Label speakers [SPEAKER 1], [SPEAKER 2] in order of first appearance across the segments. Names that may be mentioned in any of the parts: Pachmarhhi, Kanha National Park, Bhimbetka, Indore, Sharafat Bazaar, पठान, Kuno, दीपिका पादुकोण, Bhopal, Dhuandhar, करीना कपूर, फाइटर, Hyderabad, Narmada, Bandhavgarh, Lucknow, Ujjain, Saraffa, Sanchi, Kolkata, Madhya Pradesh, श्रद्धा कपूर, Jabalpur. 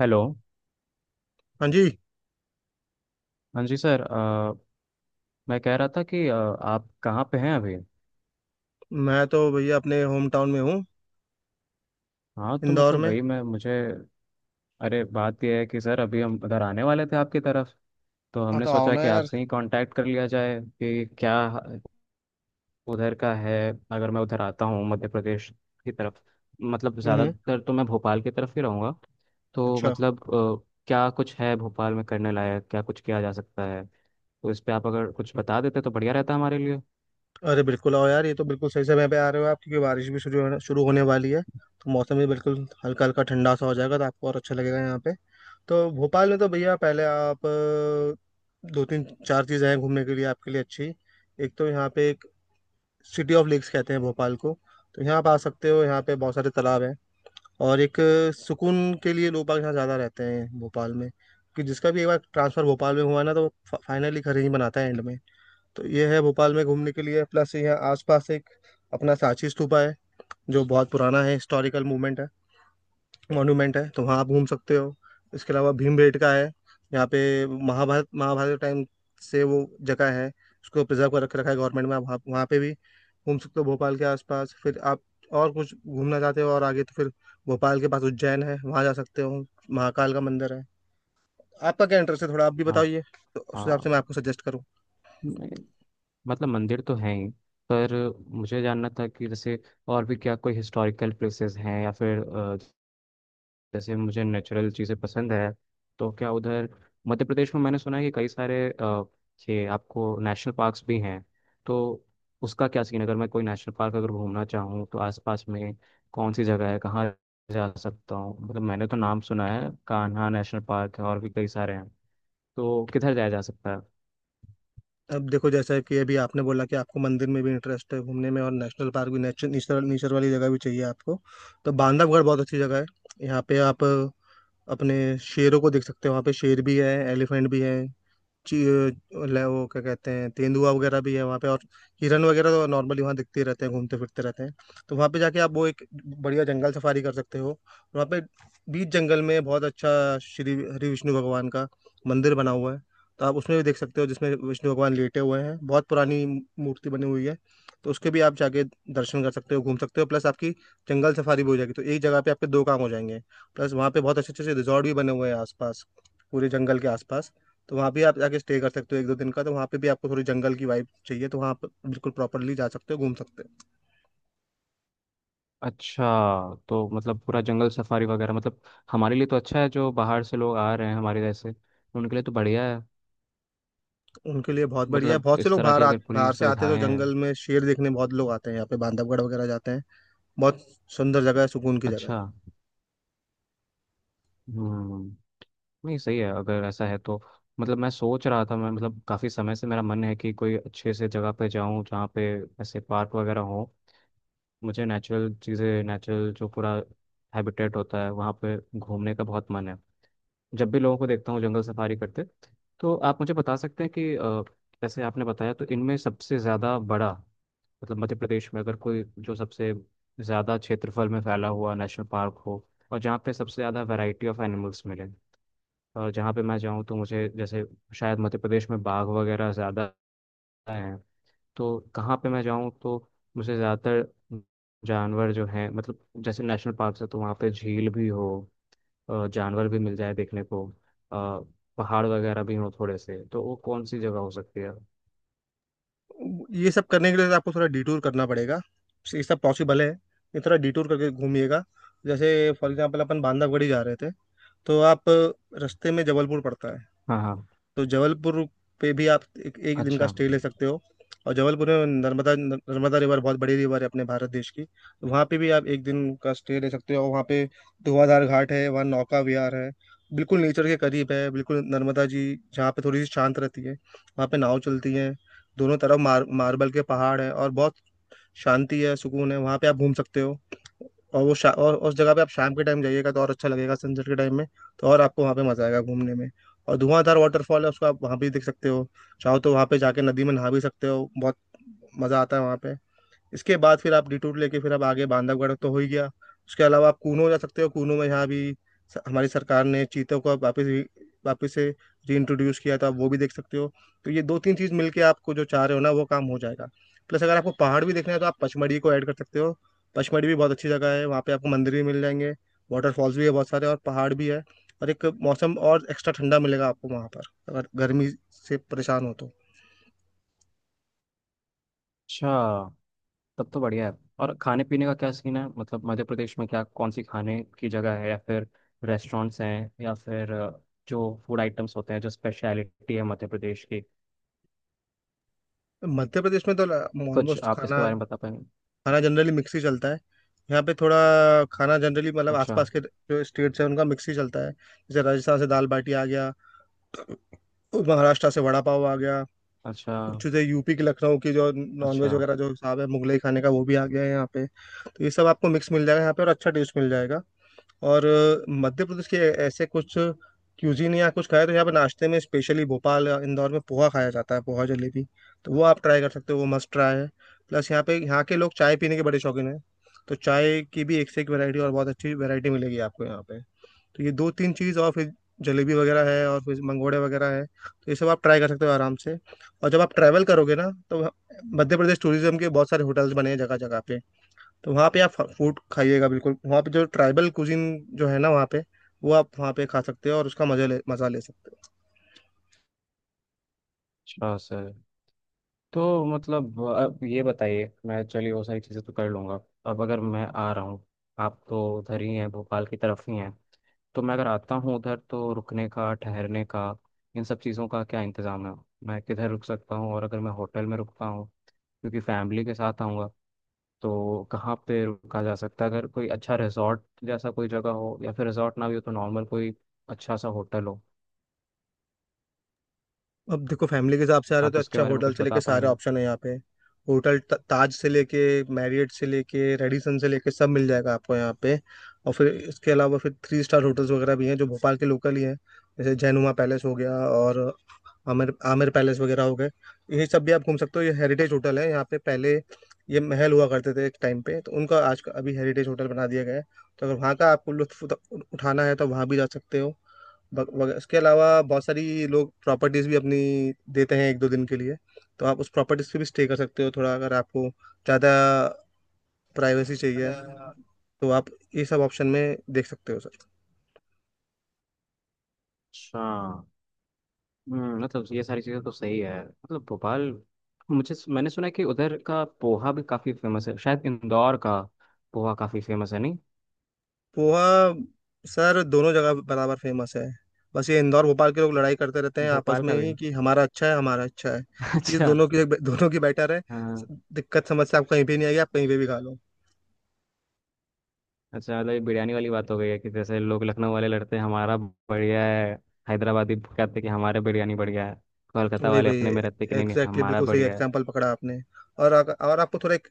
[SPEAKER 1] Hello.
[SPEAKER 2] हाँ जी।
[SPEAKER 1] हाँ जी सर, मैं कह रहा था कि आप कहाँ पे हैं अभी?
[SPEAKER 2] मैं तो भैया अपने होम टाउन में हूँ,
[SPEAKER 1] हाँ, तो
[SPEAKER 2] इंदौर
[SPEAKER 1] मतलब
[SPEAKER 2] में।
[SPEAKER 1] वही मैं मुझे। अरे, बात यह है कि सर अभी हम उधर आने वाले थे आपकी तरफ। तो
[SPEAKER 2] हाँ,
[SPEAKER 1] हमने
[SPEAKER 2] तो आओ
[SPEAKER 1] सोचा
[SPEAKER 2] ना
[SPEAKER 1] कि
[SPEAKER 2] यार।
[SPEAKER 1] आपसे ही कांटेक्ट कर लिया जाए कि क्या उधर का है। अगर मैं उधर आता हूँ मध्य प्रदेश की तरफ, मतलब
[SPEAKER 2] हम्म।
[SPEAKER 1] ज़्यादातर तो मैं भोपाल की तरफ ही रहूँगा। तो
[SPEAKER 2] अच्छा।
[SPEAKER 1] मतलब क्या कुछ है भोपाल में करने लायक, क्या कुछ किया जा सकता है? तो इस पे आप अगर कुछ बता देते तो बढ़िया रहता हमारे लिए।
[SPEAKER 2] अरे बिल्कुल आओ यार, ये तो बिल्कुल सही समय पे आ रहे हो आप, क्योंकि बारिश भी शुरू होने वाली है, तो मौसम भी बिल्कुल हल्का हल्का ठंडा सा हो जाएगा, तो आपको और अच्छा लगेगा यहाँ पे। तो भोपाल में तो भैया पहले आप दो तीन चार चीज़ें हैं घूमने के लिए आपके लिए अच्छी। एक तो यहाँ पे एक सिटी ऑफ लेक्स कहते हैं भोपाल को, तो यहाँ आप आ सकते हो, यहाँ पे बहुत सारे तालाब हैं। और एक सुकून के लिए लोग बाग यहाँ ज़्यादा रहते हैं भोपाल में, कि जिसका भी एक बार ट्रांसफ़र भोपाल में हुआ ना तो फाइनली घर ही बनाता है एंड में। तो ये है भोपाल में घूमने के लिए। प्लस यहाँ आसपास एक अपना सांची स्तूपा है जो बहुत पुराना है, हिस्टोरिकल मूवमेंट है, मॉन्यूमेंट है, तो वहाँ आप घूम सकते हो। इसके अलावा भीमबेटका का है यहाँ पे, महाभारत महाभारत के टाइम से वो जगह है, उसको प्रिजर्व कर रख रखा है गवर्नमेंट में। आप वहाँ वहाँ पे भी घूम सकते हो भोपाल के आसपास। फिर आप और कुछ घूमना चाहते हो और आगे तो फिर भोपाल के पास उज्जैन है, वहाँ जा सकते हो, महाकाल का मंदिर है। आपका क्या इंटरेस्ट है, थोड़ा आप भी
[SPEAKER 1] हाँ,
[SPEAKER 2] बताइए, तो उस हिसाब से
[SPEAKER 1] हाँ।
[SPEAKER 2] मैं आपको सजेस्ट करूँ।
[SPEAKER 1] मतलब मंदिर तो हैं ही, पर मुझे जानना था कि जैसे और भी क्या कोई हिस्टोरिकल प्लेसेस हैं, या फिर जैसे मुझे नेचुरल चीज़ें पसंद है। तो क्या उधर मध्य प्रदेश में, मैंने सुना है कि कई सारे ये आपको नेशनल पार्क्स भी हैं, तो उसका क्या सीन है? अगर मैं कोई नेशनल पार्क अगर घूमना चाहूँ तो आसपास में कौन सी जगह है, कहाँ जा सकता हूँ? मतलब मैंने तो नाम सुना है कान्हा नेशनल पार्क है और भी कई सारे हैं, तो किधर जाया जा सकता है?
[SPEAKER 2] अब देखो जैसा कि अभी आपने बोला कि आपको मंदिर में भी इंटरेस्ट है घूमने में, और नेशनल पार्क भी, नेचर नेचर नेचर वाली जगह भी चाहिए आपको, तो बांधवगढ़ बहुत अच्छी जगह है। यहाँ पे आप अपने शेरों को देख सकते हो, वहाँ पे शेर भी है, एलिफेंट भी है, ची- वो क्या कहते हैं, तेंदुआ वगैरह भी है वहाँ पे, और हिरन वगैरह तो नॉर्मली वहाँ दिखते ही रहते हैं, घूमते फिरते रहते हैं। तो वहाँ पे जाके आप वो एक बढ़िया जंगल सफारी कर सकते हो, और वहाँ पे बीच जंगल में बहुत अच्छा श्री हरि विष्णु भगवान का मंदिर बना हुआ है, तो आप उसमें भी देख सकते हो, जिसमें विष्णु भगवान लेटे हुए हैं, बहुत पुरानी मूर्ति बनी हुई है। तो उसके भी आप जाके दर्शन कर सकते हो, घूम सकते हो, प्लस आपकी जंगल सफारी भी हो जाएगी, तो एक जगह पे आपके दो काम हो जाएंगे। प्लस वहाँ पे बहुत अच्छे अच्छे रिजॉर्ट भी बने हुए हैं आसपास, पूरे जंगल के आसपास, तो वहाँ भी आप जाके स्टे कर सकते हो एक दो दिन का। तो वहाँ पे भी आपको थोड़ी जंगल की वाइब चाहिए तो वहाँ आप बिल्कुल प्रॉपरली जा सकते हो, घूम सकते हो।
[SPEAKER 1] अच्छा, तो मतलब पूरा जंगल सफारी वगैरह, मतलब हमारे लिए तो अच्छा है। जो बाहर से लोग आ रहे हैं हमारे जैसे, उनके लिए तो बढ़िया है।
[SPEAKER 2] उनके लिए बहुत बढ़िया है,
[SPEAKER 1] मतलब
[SPEAKER 2] बहुत से
[SPEAKER 1] इस
[SPEAKER 2] लोग
[SPEAKER 1] तरह की अगर पूरी
[SPEAKER 2] बाहर से आते हैं,
[SPEAKER 1] सुविधाएं
[SPEAKER 2] तो
[SPEAKER 1] हैं।
[SPEAKER 2] जंगल में शेर देखने बहुत लोग आते हैं यहाँ पे, बांधवगढ़ वगैरह जाते हैं। बहुत सुंदर जगह है, सुकून की जगह
[SPEAKER 1] अच्छा। हम्म। नहीं, सही है अगर ऐसा है तो। मतलब मैं सोच रहा था, मैं मतलब काफ़ी समय से मेरा मन है कि कोई अच्छे से जगह पे जाऊं, जहाँ पे ऐसे पार्क वगैरह हो। मुझे नेचुरल चीज़ें, नेचुरल जो पूरा हैबिटेट होता है वहाँ पे घूमने का बहुत मन है, जब भी लोगों को देखता हूँ जंगल सफारी करते। तो आप मुझे बता सकते हैं कि जैसे आपने बताया, तो इनमें सबसे ज़्यादा बड़ा, मतलब मध्य प्रदेश में अगर कोई जो सबसे ज़्यादा क्षेत्रफल में फैला हुआ नेशनल पार्क हो, और जहाँ पे सबसे ज़्यादा वैरायटी ऑफ एनिमल्स मिले, और जहाँ पे मैं जाऊँ तो मुझे जैसे शायद मध्य प्रदेश में बाघ वगैरह ज़्यादा हैं, तो कहाँ पे मैं जाऊँ तो मुझे ज़्यादातर जानवर जो हैं, मतलब जैसे नेशनल पार्क है तो वहाँ पे झील भी हो, जानवर भी मिल जाए देखने को, अ, पहाड़ वगैरह भी हो थोड़े से, तो वो कौन सी जगह हो सकती है?
[SPEAKER 2] है। ये सब करने के लिए तो आपको थोड़ा डिटूर करना पड़ेगा। ये सब पॉसिबल है, ये थोड़ा डिटूर करके घूमिएगा। जैसे फॉर एग्जाम्पल अपन बांधवगढ़ ही जा रहे थे, तो आप रास्ते में जबलपुर पड़ता है,
[SPEAKER 1] हाँ, हाँ।
[SPEAKER 2] तो जबलपुर पे भी आप एक दिन का
[SPEAKER 1] अच्छा।
[SPEAKER 2] स्टे ले सकते हो। और जबलपुर में नर्मदा नर्मदा रिवर बहुत बड़ी रिवर है अपने भारत देश की, तो वहाँ पे भी आप एक दिन का स्टे ले सकते हो। वहाँ पे धुआंधार घाट है, वहाँ नौका विहार है, बिल्कुल नेचर के करीब है, बिल्कुल नर्मदा जी जहाँ पे थोड़ी सी शांत रहती है वहाँ पे नाव चलती है। दोनों तरफ मार्बल के पहाड़ है, और बहुत शांति है, सुकून है, वहाँ पे आप घूम सकते हो। और और उस जगह पे आप शाम के टाइम जाइएगा तो और अच्छा लगेगा, सनसेट के टाइम में, तो और आपको वहाँ पे मजा आएगा घूमने में। और धुआंधार वाटरफॉल है, उसको आप वहाँ भी देख सकते हो। चाहो तो वहाँ पे जाके नदी में नहा भी सकते हो, बहुत मजा आता है वहाँ पे। इसके बाद फिर आप डिटूर लेके फिर आप आगे बांधवगढ़ तो हो ही गया। उसके अलावा आप कूनो जा सकते हो, कूनो में यहाँ भी हमारी सरकार ने चीतों को अब वापस से रीइंट्रोड्यूस किया था, आप वो भी देख सकते हो। तो ये दो तीन चीज़ मिलके आपको जो चाह रहे हो ना वो काम हो जाएगा। प्लस अगर आपको पहाड़ भी देखना है तो आप पचमढ़ी को ऐड कर सकते हो। पचमढ़ी भी बहुत अच्छी जगह है, वहाँ पे आपको मंदिर भी मिल जाएंगे, वाटरफॉल्स भी है बहुत सारे, और पहाड़ भी है, और एक मौसम और एक्स्ट्रा ठंडा मिलेगा आपको वहाँ पर, अगर गर्मी से परेशान हो तो।
[SPEAKER 1] अच्छा, तब तो बढ़िया है। और खाने पीने का क्या सीन है? मतलब मध्य प्रदेश में क्या कौन सी खाने की जगह है या फिर रेस्टोरेंट्स हैं, या फिर जो फूड आइटम्स होते हैं जो स्पेशलिटी है मध्य प्रदेश की,
[SPEAKER 2] मध्य प्रदेश में तो
[SPEAKER 1] कुछ
[SPEAKER 2] ऑलमोस्ट
[SPEAKER 1] आप इसके
[SPEAKER 2] खाना,
[SPEAKER 1] बारे में बता पाएंगे?
[SPEAKER 2] खाना जनरली मिक्स ही चलता है। यहाँ पे थोड़ा खाना जनरली मतलब
[SPEAKER 1] अच्छा।
[SPEAKER 2] आसपास के जो स्टेट्स हैं उनका मिक्स ही चलता है, जैसे राजस्थान से दाल बाटी आ गया, और महाराष्ट्र से वड़ा पाव आ गया।
[SPEAKER 1] अच्छा।
[SPEAKER 2] कुछ चीज़ें यूपी के लखनऊ की, जो नॉनवेज
[SPEAKER 1] अच्छा।
[SPEAKER 2] वगैरह, जो हिसाब है मुगलई खाने का, वो भी आ गया है यहाँ पे, तो ये सब आपको मिक्स मिल जाएगा यहाँ पे और अच्छा टेस्ट मिल जाएगा। और मध्य प्रदेश के ऐसे कुछ क्यूजीन या कुछ खाया, तो यहाँ पे नाश्ते में स्पेशली भोपाल या इंदौर में पोहा खाया जाता है, पोहा जलेबी, तो वो आप ट्राई कर सकते हो, वो मस्ट ट्राई है। प्लस यहाँ पे यहाँ के लोग चाय पीने के बड़े शौकीन हैं, तो चाय की भी एक से एक वैरायटी और बहुत अच्छी वैरायटी मिलेगी आपको यहाँ पे। तो ये दो तीन चीज़, और फिर जलेबी वगैरह है, और फिर मंगोड़े वगैरह है, तो ये सब आप ट्राई कर सकते हो आराम से। और जब आप ट्रैवल करोगे ना, तो मध्य प्रदेश टूरिज्म के बहुत सारे होटल्स बने हैं जगह जगह पे, तो वहाँ पे आप फूड खाइएगा, बिल्कुल वहाँ पे जो ट्राइबल कुजिन जो है ना, वहाँ पे वो आप वहाँ पे खा सकते हो, और उसका मजा ले सकते हो।
[SPEAKER 1] अच्छा सर, तो मतलब अब ये बताइए, मैं चलिए वो सारी चीज़ें तो कर लूँगा। अब अगर मैं आ रहा हूँ, आप तो उधर ही हैं भोपाल की तरफ ही हैं, तो मैं अगर आता हूँ उधर तो रुकने का, ठहरने का, इन सब चीज़ों का क्या इंतज़ाम है? मैं किधर रुक सकता हूँ, और अगर मैं होटल में रुकता हूँ क्योंकि फैमिली के साथ आऊँगा, तो कहाँ पे रुका जा सकता है? अगर कोई अच्छा रिजॉर्ट जैसा कोई जगह हो, या फिर रिजॉर्ट ना भी हो तो नॉर्मल कोई अच्छा सा होटल हो,
[SPEAKER 2] अब देखो फैमिली के हिसाब से आ रहे हो तो
[SPEAKER 1] आप उसके
[SPEAKER 2] अच्छा
[SPEAKER 1] बारे में
[SPEAKER 2] होटल
[SPEAKER 1] कुछ
[SPEAKER 2] से लेके
[SPEAKER 1] बता
[SPEAKER 2] सारे
[SPEAKER 1] पाएंगे?
[SPEAKER 2] ऑप्शन है यहाँ पे। होटल ताज से लेके, मैरियट से लेके, रेडिसन से लेके सब मिल जाएगा आपको यहाँ पे। और फिर इसके अलावा फिर थ्री स्टार होटल्स वगैरह भी हैं जो भोपाल के लोकल ही हैं, जैसे जैनुमा पैलेस हो गया, और आमिर आमिर पैलेस वगैरह हो गए। ये सब भी आप घूम सकते हो, ये हेरिटेज होटल है, यहाँ पे पहले ये महल हुआ करते थे एक टाइम पे, तो उनका आज का अभी हेरिटेज होटल बना दिया गया है। तो अगर वहाँ का आपको लुत्फ उठाना है तो वहाँ भी जा सकते हो। उसके अलावा बहुत सारी लोग प्रॉपर्टीज भी अपनी देते हैं एक दो दिन के लिए, तो आप उस प्रॉपर्टीज पे भी स्टे कर सकते हो, थोड़ा अगर आपको ज़्यादा प्राइवेसी चाहिए, तो आप ये सब ऑप्शन में देख सकते हो सर।
[SPEAKER 1] अच्छा। मतलब ये सारी चीज़ें तो सही है। मतलब भोपाल, मुझे मैंने सुना है कि उधर का पोहा भी काफ़ी फेमस है, शायद इंदौर का पोहा काफ़ी फेमस है, नहीं?
[SPEAKER 2] पोहा सर दोनों जगह बराबर फेमस है। बस ये इंदौर भोपाल के लोग लड़ाई करते रहते हैं आपस
[SPEAKER 1] भोपाल
[SPEAKER 2] में
[SPEAKER 1] का भी?
[SPEAKER 2] ही कि हमारा अच्छा है, हमारा अच्छा है, तो ये
[SPEAKER 1] अच्छा।
[SPEAKER 2] दोनों की बेटर है।
[SPEAKER 1] हाँ।
[SPEAKER 2] दिक्कत समस्या आप कहीं भी नहीं आएगी, आप कहीं पे भी खा लो।
[SPEAKER 1] अच्छा, मतलब ये बिरयानी वाली बात हो गई है कि जैसे लोग लखनऊ वाले लड़ते हैं हमारा बढ़िया है, हैदराबादी कहते हैं कि हमारे बिरयानी बढ़िया है,
[SPEAKER 2] तो
[SPEAKER 1] कोलकाता
[SPEAKER 2] वही
[SPEAKER 1] वाले
[SPEAKER 2] वही
[SPEAKER 1] अपने में रहते हैं कि
[SPEAKER 2] एग्जैक्टली
[SPEAKER 1] नहीं, नहीं,
[SPEAKER 2] exactly,
[SPEAKER 1] हमारा
[SPEAKER 2] बिल्कुल सही
[SPEAKER 1] बढ़िया है।
[SPEAKER 2] एग्जांपल पकड़ा आपने। और और आपको थोड़ा एक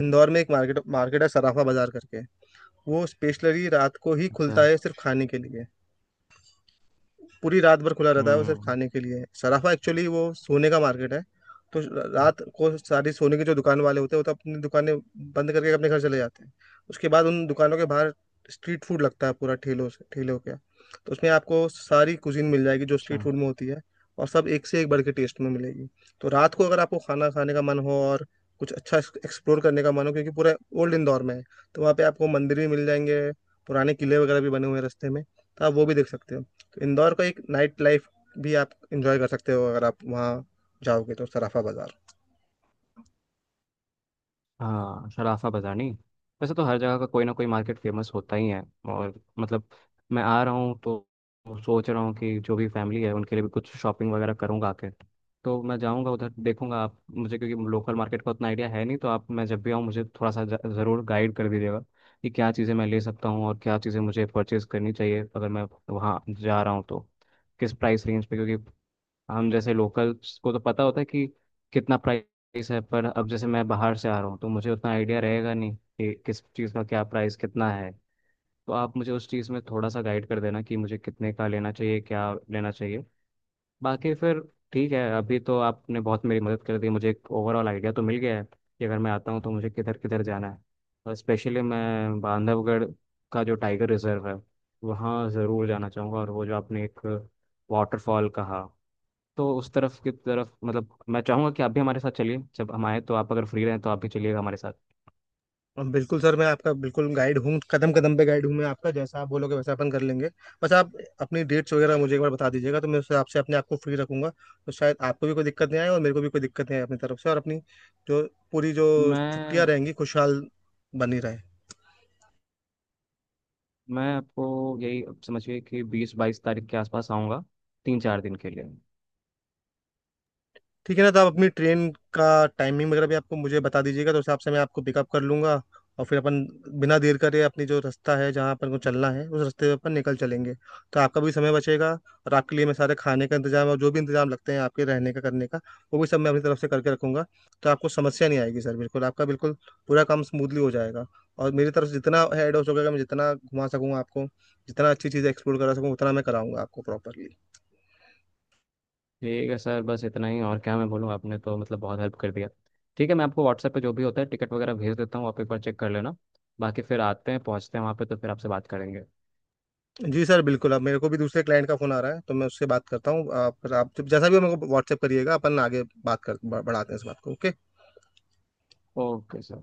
[SPEAKER 2] इंदौर में एक मार्केट मार्केट है, सराफा बाजार करके, वो स्पेशली रात को ही खुलता
[SPEAKER 1] अच्छा।
[SPEAKER 2] है, सिर्फ खाने के लिए। पूरी रात भर खुला रहता है, वो सिर्फ
[SPEAKER 1] हम्म।
[SPEAKER 2] खाने के लिए है, सराफा एक्चुअली वो सोने का मार्केट है, तो रात को सारी सोने की जो दुकान वाले होते हैं वो तो अपनी दुकानें बंद करके अपने घर चले जाते हैं। उसके बाद उन दुकानों के बाहर स्ट्रीट फूड लगता है पूरा, ठेलों से ठेलों के, तो उसमें आपको सारी कुजीन मिल जाएगी जो
[SPEAKER 1] अच्छा।
[SPEAKER 2] स्ट्रीट फूड में होती है, और सब एक से एक बढ़ के टेस्ट में मिलेगी। तो रात को अगर आपको खाना खाने का मन हो और कुछ अच्छा एक्सप्लोर करने का मन हो, क्योंकि पूरा ओल्ड इंदौर में है, तो वहाँ पे आपको मंदिर भी मिल जाएंगे, पुराने किले वगैरह भी बने हुए हैं रास्ते में, तो आप वो भी देख सकते हो। तो इंदौर का एक नाइट लाइफ भी आप इंजॉय कर सकते हो अगर आप वहाँ जाओगे तो, सराफा बाजार।
[SPEAKER 1] हाँ, शराफा बाज़ार, नहीं? वैसे तो हर जगह का कोई ना कोई मार्केट फेमस होता ही है। और मतलब मैं आ रहा हूँ तो सोच रहा हूँ कि जो भी फैमिली है उनके लिए भी कुछ शॉपिंग वगैरह करूँगा आके। तो मैं जाऊँगा उधर देखूँगा, आप मुझे, क्योंकि लोकल मार्केट का उतना आइडिया है नहीं, तो आप, मैं जब भी आऊँ मुझे थोड़ा सा ज़रूर गाइड कर दीजिएगा कि क्या चीज़ें मैं ले सकता हूँ और क्या चीज़ें मुझे परचेज़ करनी चाहिए, अगर मैं वहाँ जा रहा हूँ तो, किस प्राइस रेंज पे, क्योंकि हम जैसे लोकल्स को तो पता होता है कि कितना प्राइस है, पर अब जैसे मैं बाहर से आ रहा हूँ तो मुझे उतना आइडिया रहेगा नहीं कि किस चीज़ का क्या प्राइस कितना है। तो आप मुझे उस चीज़ में थोड़ा सा गाइड कर देना कि मुझे कितने का लेना चाहिए, क्या लेना चाहिए। बाकी फिर ठीक है, अभी तो आपने बहुत मेरी मदद कर दी, मुझे एक ओवरऑल आइडिया तो मिल गया है कि अगर मैं आता हूँ तो मुझे किधर किधर जाना है। और स्पेशली मैं बांधवगढ़ का जो टाइगर रिजर्व है वहाँ ज़रूर जाना चाहूँगा, और वो जो आपने एक वाटरफॉल कहा, तो उस तरफ की तरफ, मतलब मैं चाहूंगा कि आप भी हमारे साथ चलिए। जब हम आए तो आप अगर फ्री रहें तो आप भी चलिएगा हमारे साथ।
[SPEAKER 2] अब बिल्कुल सर मैं आपका बिल्कुल गाइड हूँ, कदम कदम पे गाइड हूँ मैं आपका, जैसा आप बोलोगे वैसा अपन कर लेंगे। बस आप अपनी डेट्स वगैरह मुझे एक बार बता दीजिएगा, तो मैं उससे आपसे अपने आप को फ्री रखूंगा, तो शायद आपको भी कोई दिक्कत नहीं आए और मेरे को भी कोई दिक्कत नहीं आए अपनी तरफ से, और अपनी जो पूरी जो
[SPEAKER 1] मैं
[SPEAKER 2] छुट्टियाँ रहेंगी खुशहाल बनी रहे।
[SPEAKER 1] मैं आपको, यही समझिए कि 20-22 तारीख के आसपास आऊँगा, 3-4 दिन के लिए।
[SPEAKER 2] ठीक है ना, तो आप अपनी ट्रेन का टाइमिंग वगैरह भी आपको मुझे बता दीजिएगा, तो उस हिसाब से मैं आपको पिकअप कर लूंगा, और फिर अपन बिना देर करे अपनी जो रास्ता है, जहाँ अपन को चलना है, उस रास्ते पे अपन निकल चलेंगे, तो आपका भी समय बचेगा। और आपके लिए मैं सारे खाने का इंतजाम और जो भी इंतजाम लगते हैं आपके रहने का करने का, वो भी सब मैं अपनी तरफ से करके रखूंगा, तो आपको समस्या नहीं आएगी सर, बिल्कुल आपका बिल्कुल पूरा काम स्मूथली हो जाएगा। और मेरी तरफ से जितना हेड हो सकेगा, मैं जितना घुमा सकूंगा आपको, जितना अच्छी चीज़ एक्सप्लोर करा सकूँ उतना मैं कराऊंगा आपको प्रॉपरली।
[SPEAKER 1] ठीक है सर, बस इतना ही, और क्या मैं बोलूँ, आपने तो मतलब बहुत हेल्प कर दिया। ठीक है, मैं आपको व्हाट्सएप पे जो भी होता है टिकट वगैरह भेज देता हूँ, आप एक बार चेक कर लेना। बाकी फिर आते हैं, पहुँचते हैं वहाँ पे तो फिर आपसे बात करेंगे।
[SPEAKER 2] जी सर बिल्कुल, अब मेरे को भी दूसरे क्लाइंट का फोन आ रहा है, तो मैं उससे बात करता हूँ। आप जैसा भी हो मेरे को व्हाट्सएप करिएगा, अपन आगे बात कर बढ़ाते हैं इस बात को, ओके।
[SPEAKER 1] Okay sir.